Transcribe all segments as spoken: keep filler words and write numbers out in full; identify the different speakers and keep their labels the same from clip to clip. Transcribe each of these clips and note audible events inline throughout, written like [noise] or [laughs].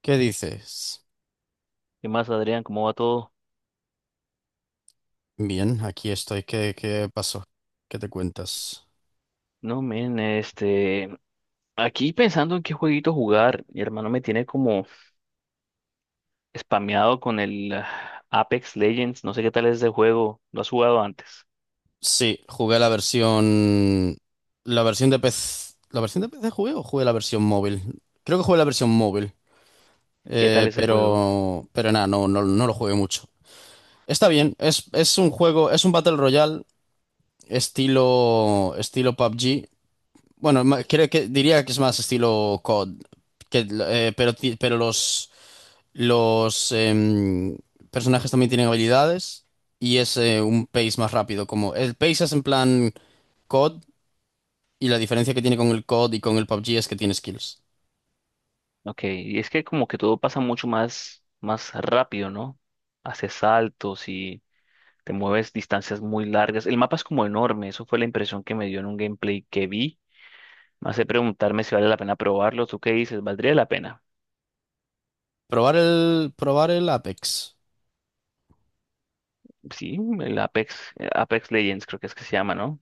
Speaker 1: ¿Qué dices?
Speaker 2: ¿Qué más, Adrián? ¿Cómo va todo?
Speaker 1: Bien, aquí estoy. ¿Qué, qué pasó? ¿Qué te cuentas?
Speaker 2: No, men, este, aquí pensando en qué jueguito jugar. Mi hermano me tiene como spameado con el ah, Apex Legends. No sé qué tal es ese juego, ¿lo has jugado antes?
Speaker 1: Sí, jugué la versión. La versión de P C. ¿La versión de P C jugué o jugué la versión móvil? Creo que jugué la versión móvil.
Speaker 2: ¿Qué tal
Speaker 1: Eh,
Speaker 2: ese juego?
Speaker 1: pero. Pero nada, no, no, no lo jugué mucho. Está bien, es, es un juego, es un Battle Royale estilo. estilo P U B G. Bueno, ma- creo que diría que es más estilo C O D. Que, eh, pero, ti- pero los. Los em, personajes también tienen habilidades y es eh, un pace más rápido. Como el pace es en plan C O D y la diferencia que tiene con el C O D y con el P U B G es que tiene skills.
Speaker 2: Ok, y es que como que todo pasa mucho más, más rápido, ¿no? Haces saltos y te mueves distancias muy largas, el mapa es como enorme. Eso fue la impresión que me dio en un gameplay que vi. Me hace preguntarme si vale la pena probarlo. ¿Tú qué dices? ¿Valdría la pena?
Speaker 1: Probar el, probar el Apex.
Speaker 2: Sí, el Apex, eh, Apex Legends creo que es que se llama, ¿no?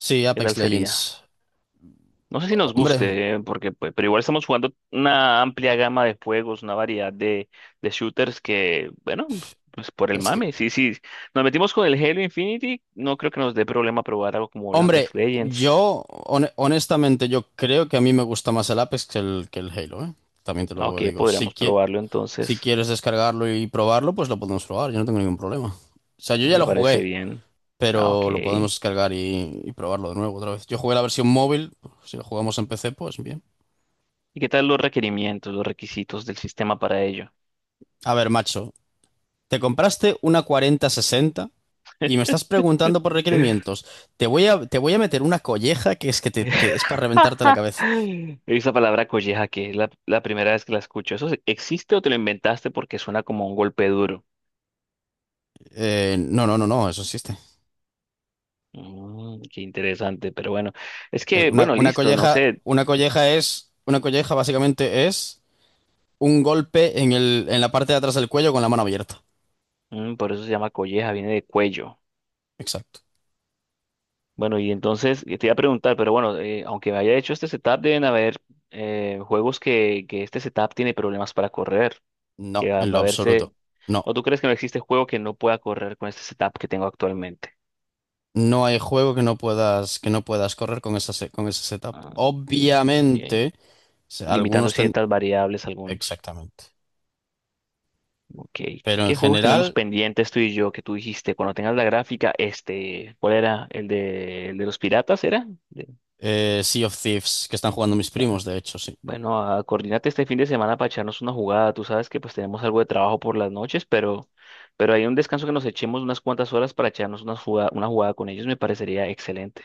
Speaker 1: Sí,
Speaker 2: ¿Qué
Speaker 1: Apex
Speaker 2: tal sería?
Speaker 1: Legends.
Speaker 2: No sé si nos
Speaker 1: Hombre,
Speaker 2: guste, eh, porque pues, pero igual estamos jugando una amplia gama de juegos, una variedad de, de shooters que, bueno, pues por el
Speaker 1: es que,
Speaker 2: mame, sí, sí. Nos metimos con el Halo Infinity, no creo que nos dé problema probar algo como el
Speaker 1: hombre,
Speaker 2: Apex Legends.
Speaker 1: yo hone- honestamente yo creo que a mí me gusta más el Apex que el, que el Halo, ¿eh? También te
Speaker 2: Ah,
Speaker 1: lo
Speaker 2: ok,
Speaker 1: digo. Si
Speaker 2: podríamos
Speaker 1: qui-
Speaker 2: probarlo
Speaker 1: si
Speaker 2: entonces.
Speaker 1: quieres descargarlo y probarlo, pues lo podemos probar. Yo no tengo ningún problema. O sea, yo ya
Speaker 2: Me
Speaker 1: lo
Speaker 2: parece
Speaker 1: jugué.
Speaker 2: bien. Ah, ok.
Speaker 1: Pero lo podemos
Speaker 2: ¿Y
Speaker 1: descargar y, y probarlo de nuevo otra vez. Yo jugué la versión móvil, si lo jugamos en P C, pues bien.
Speaker 2: qué tal los requerimientos, los requisitos del sistema para ello?
Speaker 1: A ver, macho, te compraste una cuarenta sesenta y me estás preguntando por requerimientos.
Speaker 2: [laughs]
Speaker 1: Te voy a, te voy a meter una colleja que es que te, te- es para reventarte la cabeza.
Speaker 2: [gasps] Esa palabra colleja, que es la, la primera vez que la escucho. ¿Eso se- existe o te lo inventaste porque suena como un golpe duro?
Speaker 1: Eh, no, no, no, no, eso existe.
Speaker 2: Mm, qué interesante, pero bueno. Es
Speaker 1: Es
Speaker 2: que,
Speaker 1: Una,
Speaker 2: bueno,
Speaker 1: una
Speaker 2: listo, no
Speaker 1: colleja,
Speaker 2: sé.
Speaker 1: una colleja es, una colleja básicamente es un golpe en el, en la parte de atrás del cuello con la mano abierta.
Speaker 2: Mm, por eso se llama colleja, viene de cuello.
Speaker 1: Exacto.
Speaker 2: Bueno, y entonces eh, te iba a preguntar, pero bueno, eh, aunque me haya hecho este setup, deben haber eh, juegos que, que este setup tiene problemas para correr,
Speaker 1: No,
Speaker 2: que va,
Speaker 1: en
Speaker 2: va
Speaker 1: lo
Speaker 2: a verse...
Speaker 1: absoluto. No.
Speaker 2: ¿O tú crees que no existe juego que no pueda correr con este setup que tengo actualmente?
Speaker 1: No hay juego que no puedas, que no puedas correr con esa, se- con ese setup.
Speaker 2: Ah, ok.
Speaker 1: Obviamente, se-
Speaker 2: Limitando
Speaker 1: algunos ten...
Speaker 2: ciertas variables algunos.
Speaker 1: Exactamente.
Speaker 2: Ok.
Speaker 1: Pero en
Speaker 2: ¿Qué juegos tenemos
Speaker 1: general,
Speaker 2: pendientes tú y yo, que tú dijiste cuando tengas la gráfica? Este, ¿cuál era? ¿El de, el de los piratas era? De-
Speaker 1: eh, Sea of Thieves, que están jugando mis
Speaker 2: ya.
Speaker 1: primos, de hecho, sí.
Speaker 2: Bueno, a, coordínate este fin de semana para echarnos una jugada. Tú sabes que pues tenemos algo de trabajo por las noches, pero, pero hay un descanso que nos echemos unas cuantas horas para echarnos una jugada, una jugada con ellos, me parecería excelente.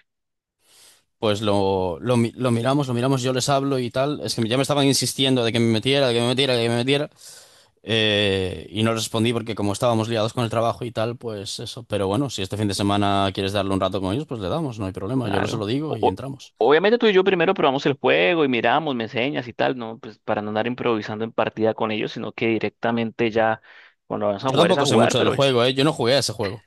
Speaker 1: Pues lo, lo, mi- lo miramos, lo miramos, yo les hablo y tal. Es que ya me estaban insistiendo de que me metiera, de que me metiera, de que me metiera. Eh, y no respondí porque como estábamos liados con el trabajo y tal, pues eso. Pero bueno, si este fin de semana quieres darle un rato con ellos, pues le damos, no hay problema. Yo lo- se lo
Speaker 2: Claro.
Speaker 1: digo
Speaker 2: O-
Speaker 1: y
Speaker 2: o-
Speaker 1: entramos.
Speaker 2: obviamente tú y yo primero probamos el juego y miramos, me enseñas y tal, ¿no? Pues para no andar improvisando en partida con ellos, sino que directamente ya cuando vamos a
Speaker 1: Yo
Speaker 2: jugar es a
Speaker 1: tampoco sé
Speaker 2: jugar,
Speaker 1: mucho del
Speaker 2: pero
Speaker 1: juego, ¿eh? Yo no jugué a ese juego.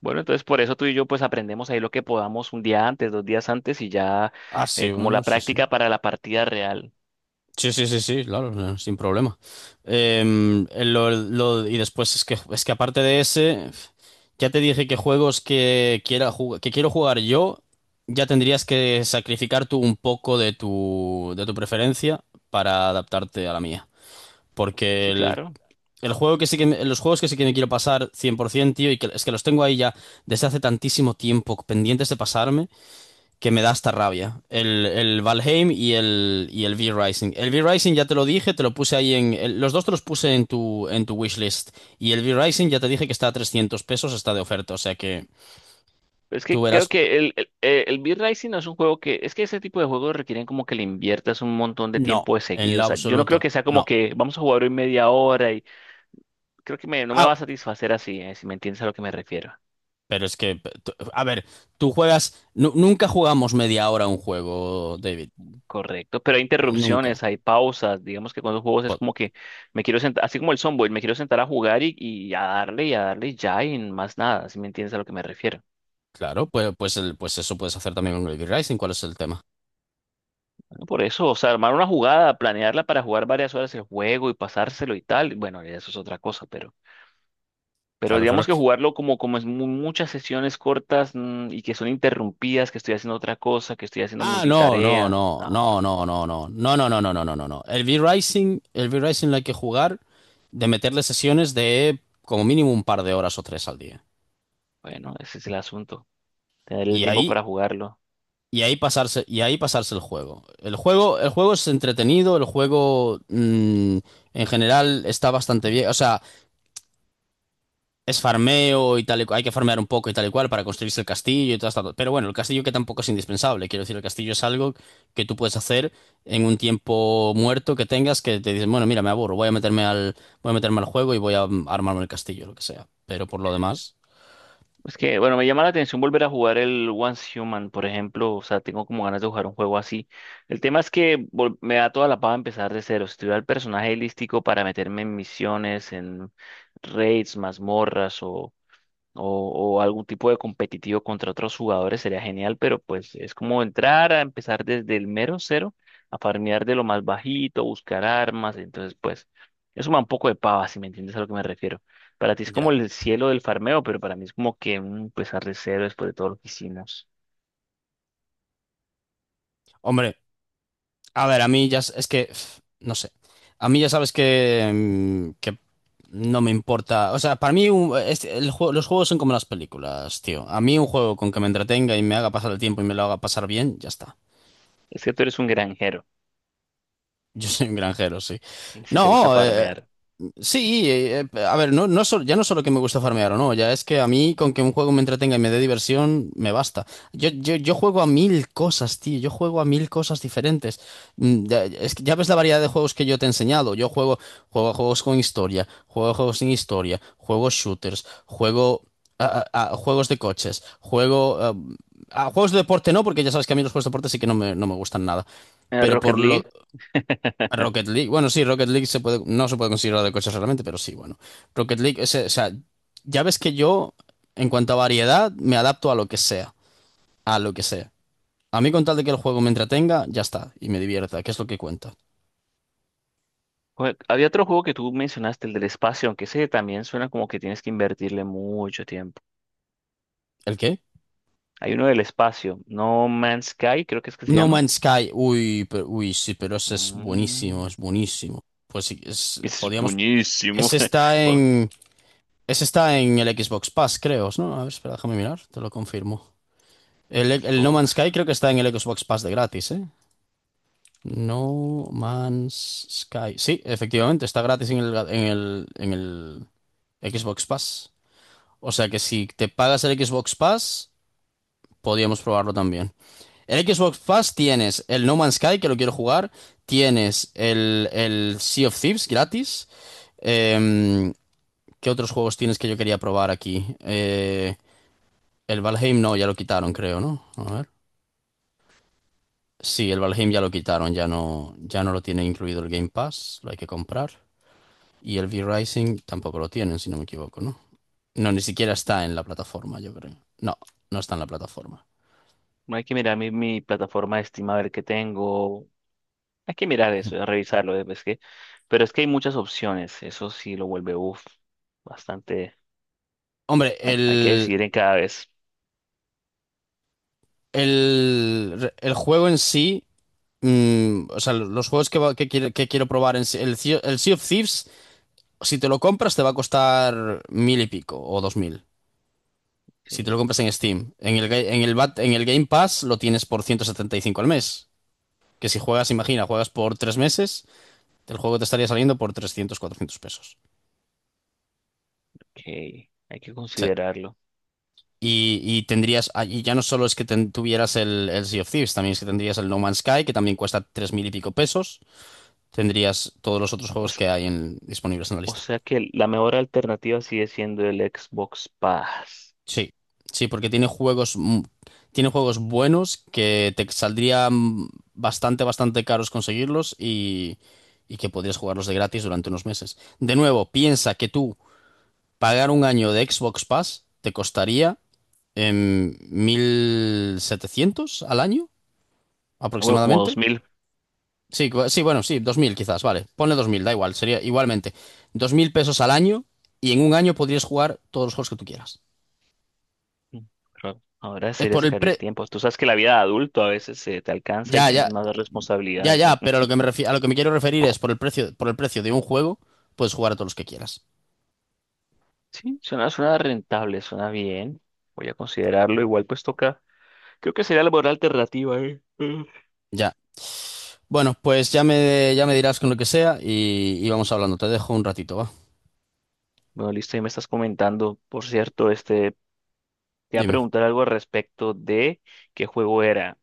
Speaker 2: bueno, entonces por eso tú y yo pues aprendemos ahí lo que podamos un día antes, dos días antes y ya
Speaker 1: Ah, sí,
Speaker 2: eh, como
Speaker 1: bueno,
Speaker 2: la
Speaker 1: sí, sí.
Speaker 2: práctica para la partida real.
Speaker 1: Sí, sí, sí, sí, claro, no, sin problema. Em, el- lo- lo- y después es que, es que aparte de ese, ya te dije que juegos que quiera jug- que quiero jugar yo, ya tendrías que sacrificar tú un poco de tu, de tu preferencia para adaptarte a la mía. Porque
Speaker 2: Sí,
Speaker 1: el,
Speaker 2: claro.
Speaker 1: el juego que sí que me- los juegos que sí que me quiero pasar cien por ciento, tío, y que es que los tengo ahí ya desde hace tantísimo tiempo pendientes de pasarme, que me da hasta rabia. El, el Valheim y el, y el V-Rising. El V-Rising ya te lo dije, te lo puse ahí, en... el- los dos te los puse en tu, en tu wishlist. Y el V-Rising ya te dije que está a trescientos pesos, está de oferta. O sea que
Speaker 2: Es
Speaker 1: tú
Speaker 2: que creo
Speaker 1: verás.
Speaker 2: que el, el, eh, el Beat Racing no es un juego que, es que ese tipo de juegos requieren como que le inviertas un montón de
Speaker 1: No,
Speaker 2: tiempo de
Speaker 1: en
Speaker 2: seguido. O
Speaker 1: lo
Speaker 2: sea, yo no creo
Speaker 1: absoluto.
Speaker 2: que sea como
Speaker 1: No.
Speaker 2: que vamos a jugar hoy media hora y creo que me- no me
Speaker 1: Ah,
Speaker 2: va a satisfacer así, eh, si me entiendes a lo que me refiero.
Speaker 1: pero es que, tú- a ver, tú juegas, nu- nunca jugamos media hora a un juego, David.
Speaker 2: Correcto, pero hay
Speaker 1: Nunca.
Speaker 2: interrupciones, hay pausas. Digamos que con los juegos es
Speaker 1: Po-
Speaker 2: como que me quiero sentar, así como el Somboy, me quiero sentar a jugar y, y a darle y a darle y ya y más nada, si me entiendes a lo que me refiero.
Speaker 1: Claro, pues, pues, el, pues eso puedes hacer también con el V-Rising. ¿Cuál es el tema?
Speaker 2: Bueno, por eso, o sea, armar una jugada, planearla para jugar varias horas el juego y pasárselo y tal, bueno, ya eso es otra cosa, pero, pero
Speaker 1: Claro, claro.
Speaker 2: digamos que jugarlo como, como es mu- muchas sesiones cortas, mm, y que son interrumpidas, que estoy haciendo otra cosa, que estoy haciendo
Speaker 1: Ah, no, no,
Speaker 2: multitarea,
Speaker 1: no,
Speaker 2: no,
Speaker 1: no, no, no, no, no, no, no, no, no, no, no, no. El V-Rising, el V-Rising lo hay que jugar de meterle sesiones de como mínimo un par de horas o tres al día.
Speaker 2: bueno, ese es el asunto, tener el
Speaker 1: Y
Speaker 2: tiempo
Speaker 1: ahí,
Speaker 2: para jugarlo.
Speaker 1: y ahí pasarse, y ahí pasarse el juego. El juego, el juego es entretenido, el juego mm, en general está bastante bien. O sea, es farmeo y tal y cual. Hay que farmear un poco y tal y cual para construirse el castillo y todo esto. Pero bueno, el castillo que tampoco es indispensable. Quiero decir, el castillo es algo que tú puedes hacer en un tiempo muerto que tengas que te dices, bueno, mira, me aburro, voy a meterme al, voy a meterme al juego y voy a mm, armarme el castillo, lo que sea. Pero por lo demás,
Speaker 2: Es que, bueno, me llama la atención volver a jugar el Once Human, por ejemplo. O sea, tengo como ganas de jugar un juego así. El tema es que vol- me da toda la paja empezar de cero. Si tuviera el personaje lístico para meterme en misiones, en raids, mazmorras o, o algún tipo de competitivo contra otros jugadores, sería genial, pero pues es como entrar a empezar desde el mero cero, a farmear de lo más bajito, buscar armas, entonces pues eso me da un poco de pava, si me entiendes a lo que me refiero. Para ti es
Speaker 1: ya.
Speaker 2: como el cielo del farmeo, pero para mí es como que, mm, empezar de cero después de todo lo que hicimos.
Speaker 1: Hombre. A ver, a mí ya s- es que, pf, no sé, a mí ya sabes que, mm, que no me importa, o sea, para mí un- este- el juego- los juegos son como las películas, tío. A mí un juego con que me entretenga y me haga pasar el tiempo y me lo haga pasar bien, ya está.
Speaker 2: Es que tú eres un granjero,
Speaker 1: Yo soy un granjero, sí.
Speaker 2: y si te gusta
Speaker 1: No, eh,
Speaker 2: farmear.
Speaker 1: sí, eh, eh, a ver, no, no sol- ya no solo que me gusta farmear o no, ya es que a mí con que un juego me entretenga y me dé diversión, me basta. Yo, yo, yo juego a mil cosas, tío, yo juego a mil cosas diferentes. Mm, Ya, es que ya ves la variedad de juegos que yo te he enseñado. Yo juego, juego a juegos con historia, juego a juegos sin historia, juego shooters, juego a, a- a juegos de coches, juego a, a juegos de deporte no, porque ya sabes que a mí los juegos de deporte sí que no me, no me gustan nada.
Speaker 2: Eh,
Speaker 1: Pero
Speaker 2: Rocket
Speaker 1: por lo,
Speaker 2: League. [laughs]
Speaker 1: Rocket League, bueno, sí, Rocket League se puede, no se puede considerar de coches realmente, pero sí, bueno. Rocket League, ese- o sea, ya ves que yo, en cuanto a variedad, me adapto a lo que sea, a lo que sea. A mí con tal de que el juego me entretenga, ya está, y me divierta, que es lo que cuenta.
Speaker 2: Jue- Había otro juego que tú mencionaste, el del espacio, aunque ese también suena como que tienes que invertirle mucho tiempo.
Speaker 1: ¿El qué?
Speaker 2: Hay uno del espacio, No Man's Sky, creo que es que se
Speaker 1: No
Speaker 2: llama.
Speaker 1: Man's Sky, uy, pero- uy, sí, pero ese es buenísimo,
Speaker 2: Ah,
Speaker 1: es buenísimo. Pues sí, es,
Speaker 2: ese es
Speaker 1: podíamos,
Speaker 2: buenísimo.
Speaker 1: ese está
Speaker 2: [laughs] Oh,
Speaker 1: en, ese está en el Xbox Pass, creo, ¿no? A ver, espera, déjame mirar, te lo confirmo. El, el No Man's
Speaker 2: Xbox.
Speaker 1: Sky creo que está en el Xbox Pass de gratis, ¿eh? No Man's Sky. Sí, efectivamente, está gratis en el, en el, en el Xbox Pass. O sea que si te pagas el Xbox Pass, podríamos probarlo también. El Xbox Pass tienes el No Man's Sky, que lo quiero jugar. Tienes el, el Sea of Thieves gratis. Em, ¿Qué otros juegos tienes que yo quería probar aquí? Eh, el Valheim no, ya lo quitaron, creo, ¿no? A ver. Sí, el Valheim ya lo quitaron, ya no, ya no lo tiene incluido el Game Pass, lo hay que comprar. Y el V-Rising tampoco lo tienen, si no me equivoco, ¿no? No, ni siquiera está en la plataforma, yo creo. No, no está en la plataforma.
Speaker 2: Bueno, hay que mirar mi, mi plataforma de Steam a ver qué tengo. Hay que mirar eso, a revisarlo. eh, Es que, pero es que hay muchas opciones. Eso sí lo vuelve, uff, bastante.
Speaker 1: Hombre,
Speaker 2: Bueno, hay que
Speaker 1: el,
Speaker 2: decidir en cada vez.
Speaker 1: el, el juego en sí, mm, o sea, los juegos que, va- que, quiero, que quiero probar en sí, el, Sea- el Sea of Thieves, si te lo compras te va a costar mil y pico o dos mil. Si te lo
Speaker 2: Sí,
Speaker 1: compras en Steam, en el, ga- en el, Bat- en el Game Pass lo tienes por ciento setenta y cinco al mes. Que si juegas, imagina, juegas por tres meses, el juego te estaría saliendo por trescientos cuatrocientos pesos.
Speaker 2: ok, hay que
Speaker 1: O sea,
Speaker 2: considerarlo.
Speaker 1: Y, y tendrías, ah, y ya no solo es que ten- tuvieras el, el Sea of Thieves, también es que tendrías el No Man's Sky, que también cuesta tres mil y pico pesos. Tendrías todos los otros
Speaker 2: O,
Speaker 1: juegos
Speaker 2: s-
Speaker 1: que hay en- disponibles en la
Speaker 2: o
Speaker 1: lista.
Speaker 2: sea que la mejor alternativa sigue siendo el Xbox Pass.
Speaker 1: Sí, sí, porque tiene juegos, mu- tiene juegos buenos que te saldrían bastante, bastante caros conseguirlos y, y que podrías jugarlos de gratis durante unos meses. De nuevo, piensa que tú pagar un año de Xbox Pass te costaría em, mil setecientos al año
Speaker 2: Ah, bueno, como
Speaker 1: aproximadamente.
Speaker 2: dos mil pesos.
Speaker 1: Sí, cu- sí, bueno, sí, dos mil quizás, vale. Ponle dos mil, da igual, sería igualmente. Dos mil pesos al año y en un año podrías jugar todos los juegos que tú quieras.
Speaker 2: Mm, claro. Ahora
Speaker 1: Es
Speaker 2: sería
Speaker 1: por el
Speaker 2: sacar el
Speaker 1: pre...
Speaker 2: tiempo. Tú sabes que la vida de adulto a veces se te alcanza
Speaker 1: Ya,
Speaker 2: y tienes
Speaker 1: ya,
Speaker 2: más
Speaker 1: ya,
Speaker 2: responsabilidades,
Speaker 1: ya,
Speaker 2: ¿eh?
Speaker 1: pero a lo
Speaker 2: [laughs]
Speaker 1: que me refi- a lo que me quiero referir es por el precio, por el precio de un juego, puedes jugar a todos los que quieras.
Speaker 2: Sí, suena, suena rentable, suena bien. Voy a considerarlo. Igual pues toca. Creo que sería la buena alternativa, ¿eh? Mm.
Speaker 1: Ya. Bueno, pues ya me, ya me dirás con lo que sea y, y vamos hablando. Te dejo un ratito, va.
Speaker 2: Bueno, listo, y me estás comentando. Por cierto, este, te iba a
Speaker 1: Dime.
Speaker 2: preguntar algo al respecto de qué juego era.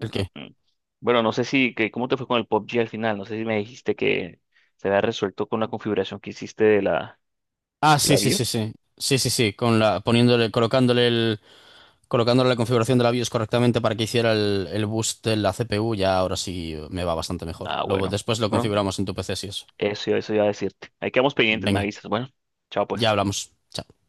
Speaker 1: ¿El
Speaker 2: Mm,
Speaker 1: qué?
Speaker 2: mm. Bueno, no sé si, que, ¿cómo te fue con el P U B G al final? No sé si me dijiste que se había resuelto con la configuración que hiciste de la,
Speaker 1: Ah,
Speaker 2: de
Speaker 1: sí,
Speaker 2: la
Speaker 1: sí, sí,
Speaker 2: BIOS.
Speaker 1: sí. Sí, sí, sí, con la, poniéndole, colocándole el... Colocándole la configuración de la BIOS correctamente para que hiciera el, el boost de la C P U, ya ahora sí me va bastante mejor.
Speaker 2: Ah,
Speaker 1: Luego,
Speaker 2: bueno.
Speaker 1: después lo
Speaker 2: Bueno,
Speaker 1: configuramos en tu P C si eso.
Speaker 2: Eso, eso iba a decirte. Ahí quedamos pendientes, me
Speaker 1: Venga,
Speaker 2: avisas. Bueno, chao
Speaker 1: ya
Speaker 2: pues.
Speaker 1: hablamos. Chao.